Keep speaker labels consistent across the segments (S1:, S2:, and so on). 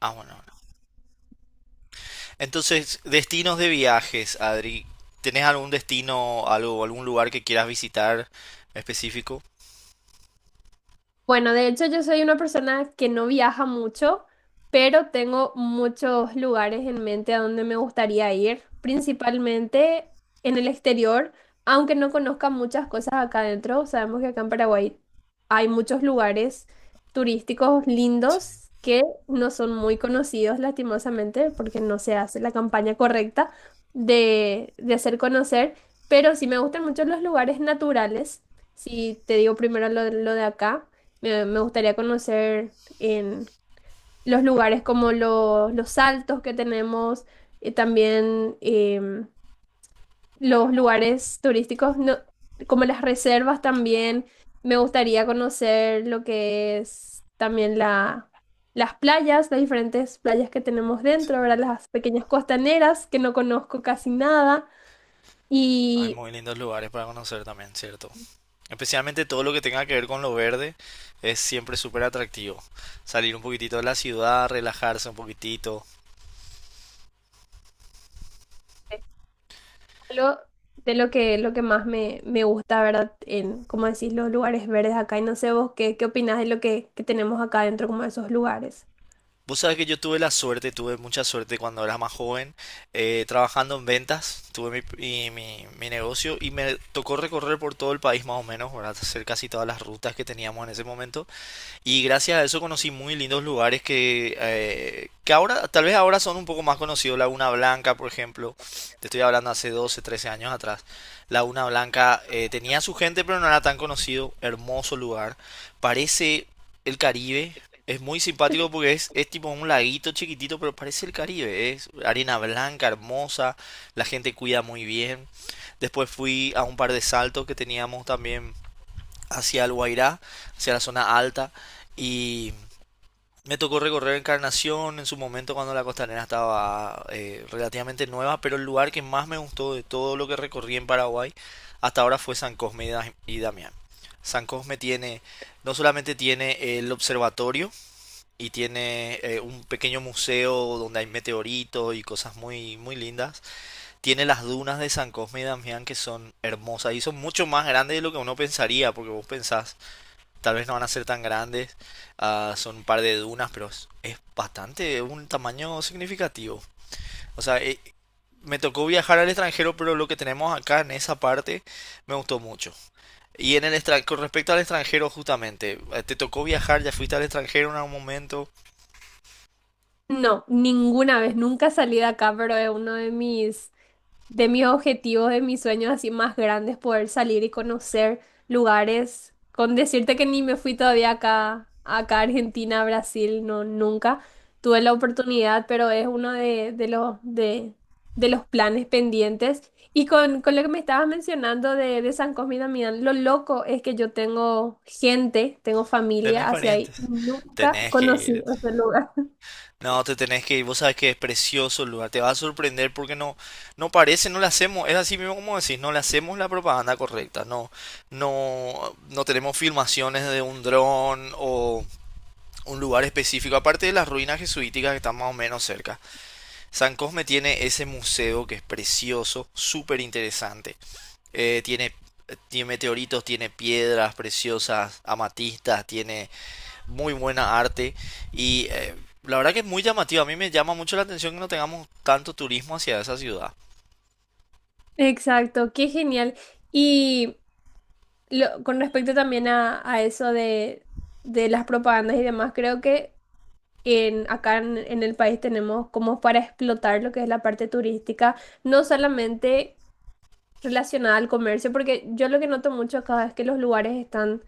S1: Ah, bueno. Bueno. Entonces, destinos de viajes, Adri. ¿Tenés algún destino, algo, algún lugar que quieras visitar específico?
S2: Bueno, de hecho yo soy una persona que no viaja mucho, pero tengo muchos lugares en mente a donde me gustaría ir, principalmente en el exterior, aunque no conozca muchas cosas acá adentro. Sabemos que acá en Paraguay hay muchos lugares turísticos lindos que no son muy conocidos, lastimosamente, porque no se hace la campaña correcta de hacer conocer, pero sí me gustan mucho los lugares naturales. Si te digo primero lo de acá. Me gustaría conocer en los lugares como los saltos que tenemos, y también los lugares turísticos, como las reservas también. Me gustaría conocer lo que es también las playas, las diferentes playas que tenemos dentro, ¿verdad? Las pequeñas costaneras que no conozco casi nada.
S1: Hay
S2: Y
S1: muy lindos lugares para conocer también, ¿cierto? Especialmente todo lo que tenga que ver con lo verde es siempre súper atractivo. Salir un poquitito de la ciudad, relajarse un poquitito.
S2: lo, de lo que más me gusta, ¿verdad? En, como decís, los lugares verdes acá. Y no sé vos qué, qué opinás de lo que tenemos acá dentro, como de esos lugares.
S1: Vos sabés que yo tuve la suerte, tuve mucha suerte cuando era más joven, trabajando en ventas, tuve mi negocio y me tocó recorrer por todo el país más o menos, ¿verdad? Hacer casi todas las rutas que teníamos en ese momento. Y gracias a eso conocí muy lindos lugares que ahora, tal vez ahora son un poco más conocidos. Laguna Blanca, por ejemplo, te estoy hablando hace 12 13 años atrás. Laguna Blanca tenía su gente, pero no era tan conocido. Hermoso lugar. Parece el Caribe. Es muy simpático porque es tipo un laguito chiquitito, pero parece el Caribe. Es arena blanca, hermosa. La gente cuida muy bien. Después fui a un par de saltos que teníamos también hacia el Guairá, hacia la zona alta. Y me tocó recorrer Encarnación en su momento cuando la costanera estaba relativamente nueva, pero el lugar que más me gustó de todo lo que recorrí en Paraguay hasta ahora fue San Cosme y Damián. San Cosme tiene, no solamente tiene el observatorio y tiene un pequeño museo donde hay meteoritos y cosas muy, muy lindas, tiene las dunas de San Cosme y Damián que son hermosas y son mucho más grandes de lo que uno pensaría, porque vos pensás tal vez no van a ser tan grandes, ah, son un par de dunas, pero es bastante, un tamaño significativo. O sea, me tocó viajar al extranjero, pero lo que tenemos acá en esa parte me gustó mucho. Y con respecto al extranjero, justamente, te tocó viajar, ya fuiste al extranjero en algún momento,
S2: No, ninguna vez, nunca salí de acá, pero es uno de mis objetivos, de mis sueños así más grandes, poder salir y conocer lugares, con decirte que ni me fui todavía acá, acá a Argentina, a Brasil, no, nunca tuve la oportunidad, pero es uno de los planes pendientes. Y con lo que me estabas mencionando de San Cosme y Damián, lo loco es que yo tengo gente, tengo
S1: tenés
S2: familia hacia ahí,
S1: parientes,
S2: nunca
S1: tenés que
S2: conocí
S1: ir.
S2: ese lugar.
S1: No, te tenés que ir, vos sabés que es precioso el lugar, te va a sorprender porque no, no parece, no le hacemos, es así mismo como decís, no le hacemos la propaganda correcta, no, no, no tenemos filmaciones de un dron o un lugar específico, aparte de las ruinas jesuíticas que están más o menos cerca. San Cosme tiene ese museo que es precioso, súper interesante. Eh, tiene, tiene meteoritos, tiene piedras preciosas, amatistas, tiene muy buena arte y la verdad que es muy llamativo. A mí me llama mucho la atención que no tengamos tanto turismo hacia esa ciudad.
S2: Exacto, qué genial. Y con respecto también a eso de las propagandas y demás, creo que en, acá en el país tenemos como para explotar lo que es la parte turística, no solamente relacionada al comercio, porque yo lo que noto mucho acá es que los lugares están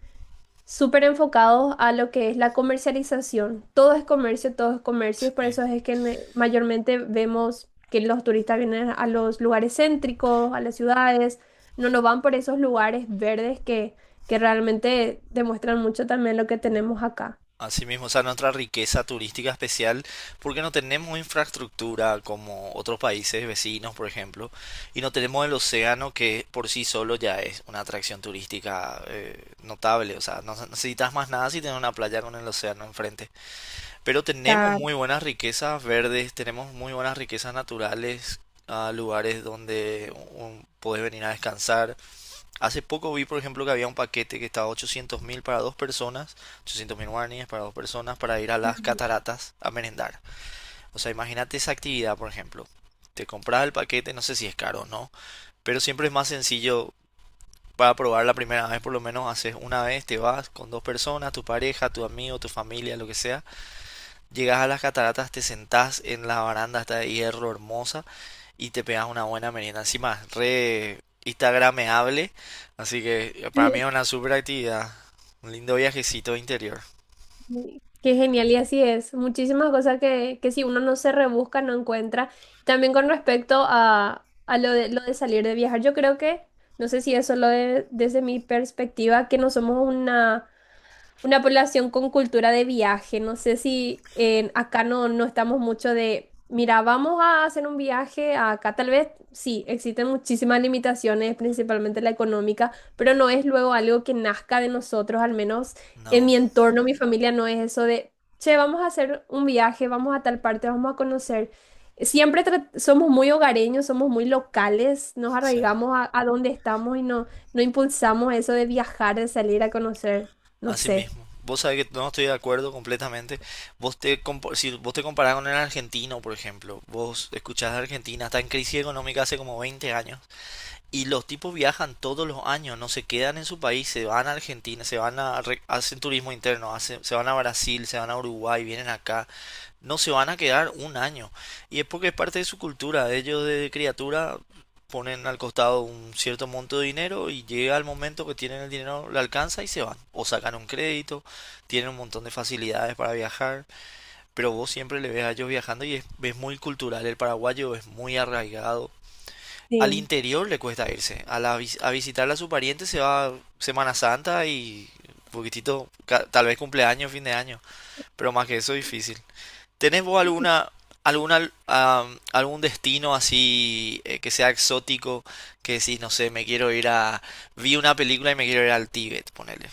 S2: súper enfocados a lo que es la comercialización. Todo es comercio, y por
S1: Sí.
S2: eso es que mayormente vemos que los turistas vienen a los lugares céntricos, a las ciudades, no nos van por esos lugares verdes que realmente demuestran mucho también lo que tenemos acá.
S1: Así mismo, o sea, nuestra riqueza turística especial, porque no tenemos infraestructura como otros países vecinos, por ejemplo, y no tenemos el océano que por sí solo ya es una atracción turística notable. O sea, no necesitas más nada si tienes una playa con el océano enfrente. Pero tenemos
S2: Claro.
S1: muy buenas riquezas verdes, tenemos muy buenas riquezas naturales, a lugares donde podés venir a descansar. Hace poco vi, por ejemplo, que había un paquete que estaba 800 mil para dos personas, 800 mil guaraníes para dos personas para ir a las cataratas a merendar. O sea, imagínate esa actividad, por ejemplo. Te compras el paquete, no sé si es caro o no, pero siempre es más sencillo para probar la primera vez, por lo menos haces una vez, te vas con dos personas, tu pareja, tu amigo, tu familia, lo que sea. Llegas a las cataratas, te sentás en la baranda esta de hierro hermosa y te pegas una buena merienda. Encima, re instagrameable, así que para mí
S2: Ujú.
S1: es una super actividad. Un lindo viajecito interior.
S2: Sí, qué genial, y así es. Muchísimas cosas que si uno no se rebusca, no encuentra. También con respecto a lo de salir de viajar, yo creo que, no sé si eso lo de, desde mi perspectiva, que no somos una población con cultura de viaje. No sé si acá no, no estamos mucho de, mira, vamos a hacer un viaje a acá. Tal vez sí, existen muchísimas limitaciones, principalmente la económica, pero no es luego algo que nazca de nosotros, al menos en
S1: No,
S2: mi entorno, mi familia no es eso de, che, vamos a hacer un viaje, vamos a tal parte, vamos a conocer. Siempre somos muy hogareños, somos muy locales, nos
S1: sí.
S2: arraigamos a donde estamos y no, no impulsamos eso de viajar, de salir a conocer. No
S1: Así
S2: sé.
S1: mismo. Vos sabés que no estoy de acuerdo completamente. Si vos te comparás con el argentino, por ejemplo, vos escuchás de Argentina, está en crisis económica hace como 20 años. Y los tipos viajan todos los años, no se quedan en su país, se van a Argentina, se van a, re- hacen turismo interno, se van a Brasil, se van a Uruguay, vienen acá, no se van a quedar un año. Y es porque es parte de su cultura, ellos de criatura ponen al costado un cierto monto de dinero y llega el momento que tienen el dinero, le alcanza y se van. O sacan un crédito, tienen un montón de facilidades para viajar, pero vos siempre le ves a ellos viajando y es muy cultural. El paraguayo es muy arraigado al
S2: Sí.
S1: interior, le cuesta irse. A visitar a su pariente se va Semana Santa y un poquitito, tal vez cumpleaños, fin de año. Pero más que eso, difícil. ¿Tenés vos algún destino así que sea exótico? Que decís, no sé, me quiero ir a... Vi una película y me quiero ir al Tíbet, ponele.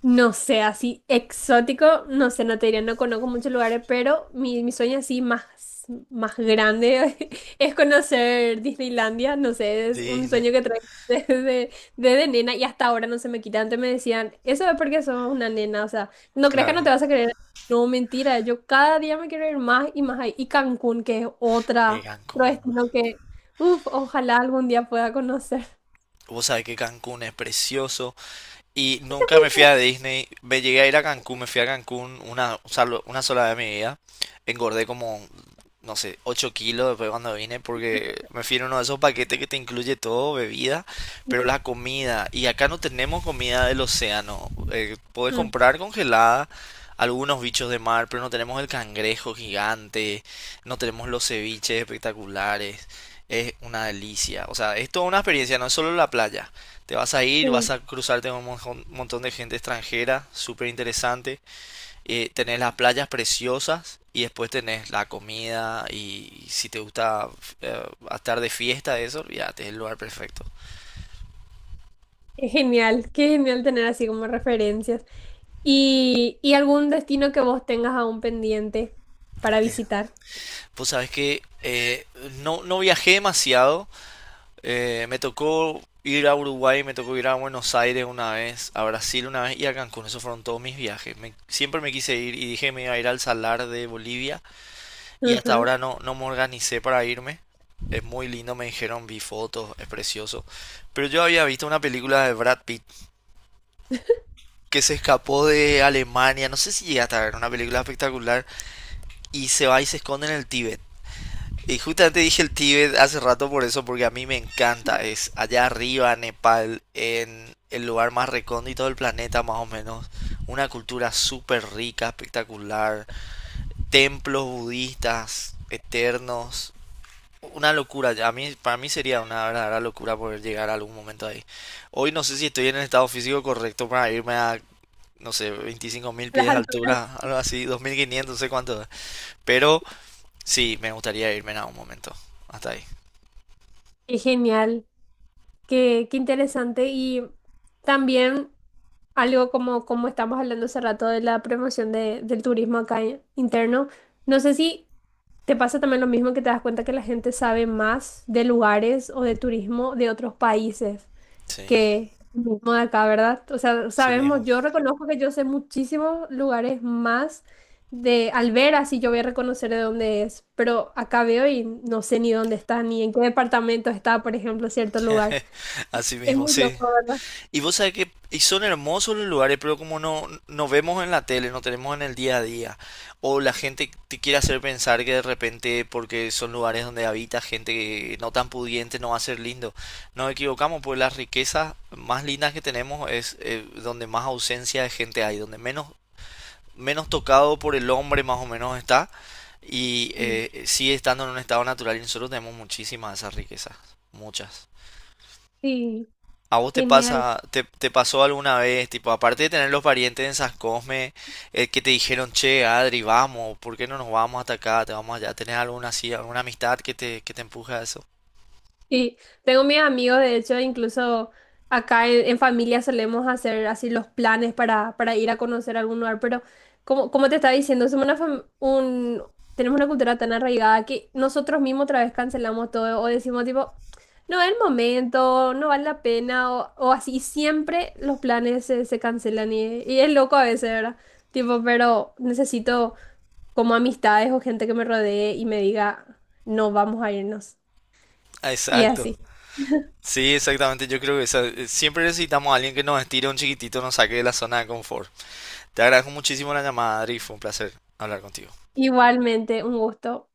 S2: No sé, así exótico, no sé, no te diré, no conozco muchos lugares, pero mi sueño así más, más grande es conocer Disneylandia, no sé, es un
S1: Disney,
S2: sueño que traigo desde, desde nena y hasta ahora no se me quita. Antes me decían, eso es porque sos una nena, o sea, ¿no creas que no
S1: claro.
S2: te vas a querer? No, mentira, yo cada día me quiero ir más y más ahí. Y Cancún, que es otra, otro
S1: Cancún.
S2: destino que, uff, ojalá algún día pueda conocer.
S1: Vos sabés que Cancún es precioso. Y nunca me fui a Disney. Me llegué a ir a Cancún, me fui a Cancún una, o sea, una sola vez en mi vida. Engordé como, no sé, 8 kilos después cuando vine porque me fui en uno de esos paquetes que te incluye todo, bebida, pero la comida. Y acá no tenemos comida del océano. Podés comprar congelada algunos bichos de mar, pero no tenemos el cangrejo gigante, no tenemos los ceviches espectaculares. Es una delicia. O sea, es toda una experiencia, no es solo la playa. Te vas a ir, vas
S2: Sí.
S1: a cruzarte con un montón de gente extranjera, súper interesante. Tenés las playas preciosas y después tenés la comida y si te gusta eh, estar de fiesta, eso, olvídate, es el lugar perfecto.
S2: Qué genial, qué genial tener así como referencias. Y algún destino que vos tengas aún pendiente para visitar?
S1: Pues sabes que no, no viajé demasiado. Me tocó ir a Uruguay, me tocó ir a Buenos Aires una vez, a Brasil una vez y a Cancún. Esos fueron todos mis viajes. Siempre me quise ir y dije me iba a ir al Salar de Bolivia. Y hasta
S2: Ajá.
S1: ahora no, no me organicé para irme. Es muy lindo, me dijeron, vi fotos, es precioso. Pero yo había visto una película de Brad Pitt que se escapó de Alemania, no sé si llegaste a ver, una película espectacular, y se va y se esconde en el Tíbet. Y justamente dije el Tíbet hace rato por eso, porque a mí me
S2: Sí,
S1: encanta, es allá arriba, Nepal, en el lugar más recóndito del planeta más o menos, una cultura súper rica, espectacular, templos budistas eternos, una locura. A mí, para mí sería una verdadera locura poder llegar a algún momento ahí. Hoy no sé si estoy en el estado físico correcto para irme a, no sé, 25.000
S2: las
S1: pies de
S2: alturas.
S1: altura, algo así, 2.500, no sé cuánto. Pero sí, me gustaría irme en algún momento. Hasta ahí.
S2: Qué genial, qué, qué interesante. Y también algo como, como estamos hablando hace rato de la promoción del turismo acá interno. No sé si te pasa también lo mismo que te das cuenta que la gente sabe más de lugares o de turismo de otros países.
S1: Sí,
S2: Que el mismo de acá, ¿verdad? O sea,
S1: así
S2: sabemos,
S1: mismo.
S2: yo reconozco que yo sé muchísimos lugares más de al ver así yo voy a reconocer de dónde es, pero acá veo y no sé ni dónde está, ni en qué departamento está, por ejemplo, cierto lugar.
S1: Así
S2: Es
S1: mismo,
S2: muy
S1: sí.
S2: loco, ¿verdad?
S1: Y vos sabés que y son hermosos los lugares, pero como no, no vemos en la tele, no tenemos en el día a día, o la gente te quiere hacer pensar que de repente, porque son lugares donde habita gente que no tan pudiente, no va a ser lindo. Nos equivocamos, pues las riquezas más lindas que tenemos es donde más ausencia de gente hay, donde menos, menos tocado por el hombre más o menos está, y
S2: Sí.
S1: sigue estando en un estado natural, y nosotros tenemos muchísimas de esas riquezas, muchas.
S2: Sí,
S1: ¿A vos te
S2: genial.
S1: pasa, te pasó alguna vez, tipo, aparte de tener los parientes en San Cosme, que te dijeron, che, Adri, vamos, ¿por qué no nos vamos hasta acá? Te vamos allá, ¿tenés alguna así, alguna amistad que te empuje a eso?
S2: Sí, tengo mis amigos, de hecho, incluso acá en familia solemos hacer así los planes para ir a conocer algún lugar, pero como, como te estaba diciendo, somos una tenemos una cultura tan arraigada que nosotros mismos otra vez cancelamos todo o decimos tipo, no es el momento, no vale la pena o así, y siempre los planes se, se cancelan y es loco a veces, ¿verdad? Tipo, pero necesito como amistades o gente que me rodee y me diga, no, vamos a irnos.
S1: Ah,
S2: Y
S1: exacto.
S2: así.
S1: Sí, exactamente. Yo creo que siempre necesitamos a alguien que nos estire un chiquitito, nos saque de la zona de confort. Te agradezco muchísimo la llamada, Adri, fue un placer hablar contigo.
S2: Igualmente, un gusto.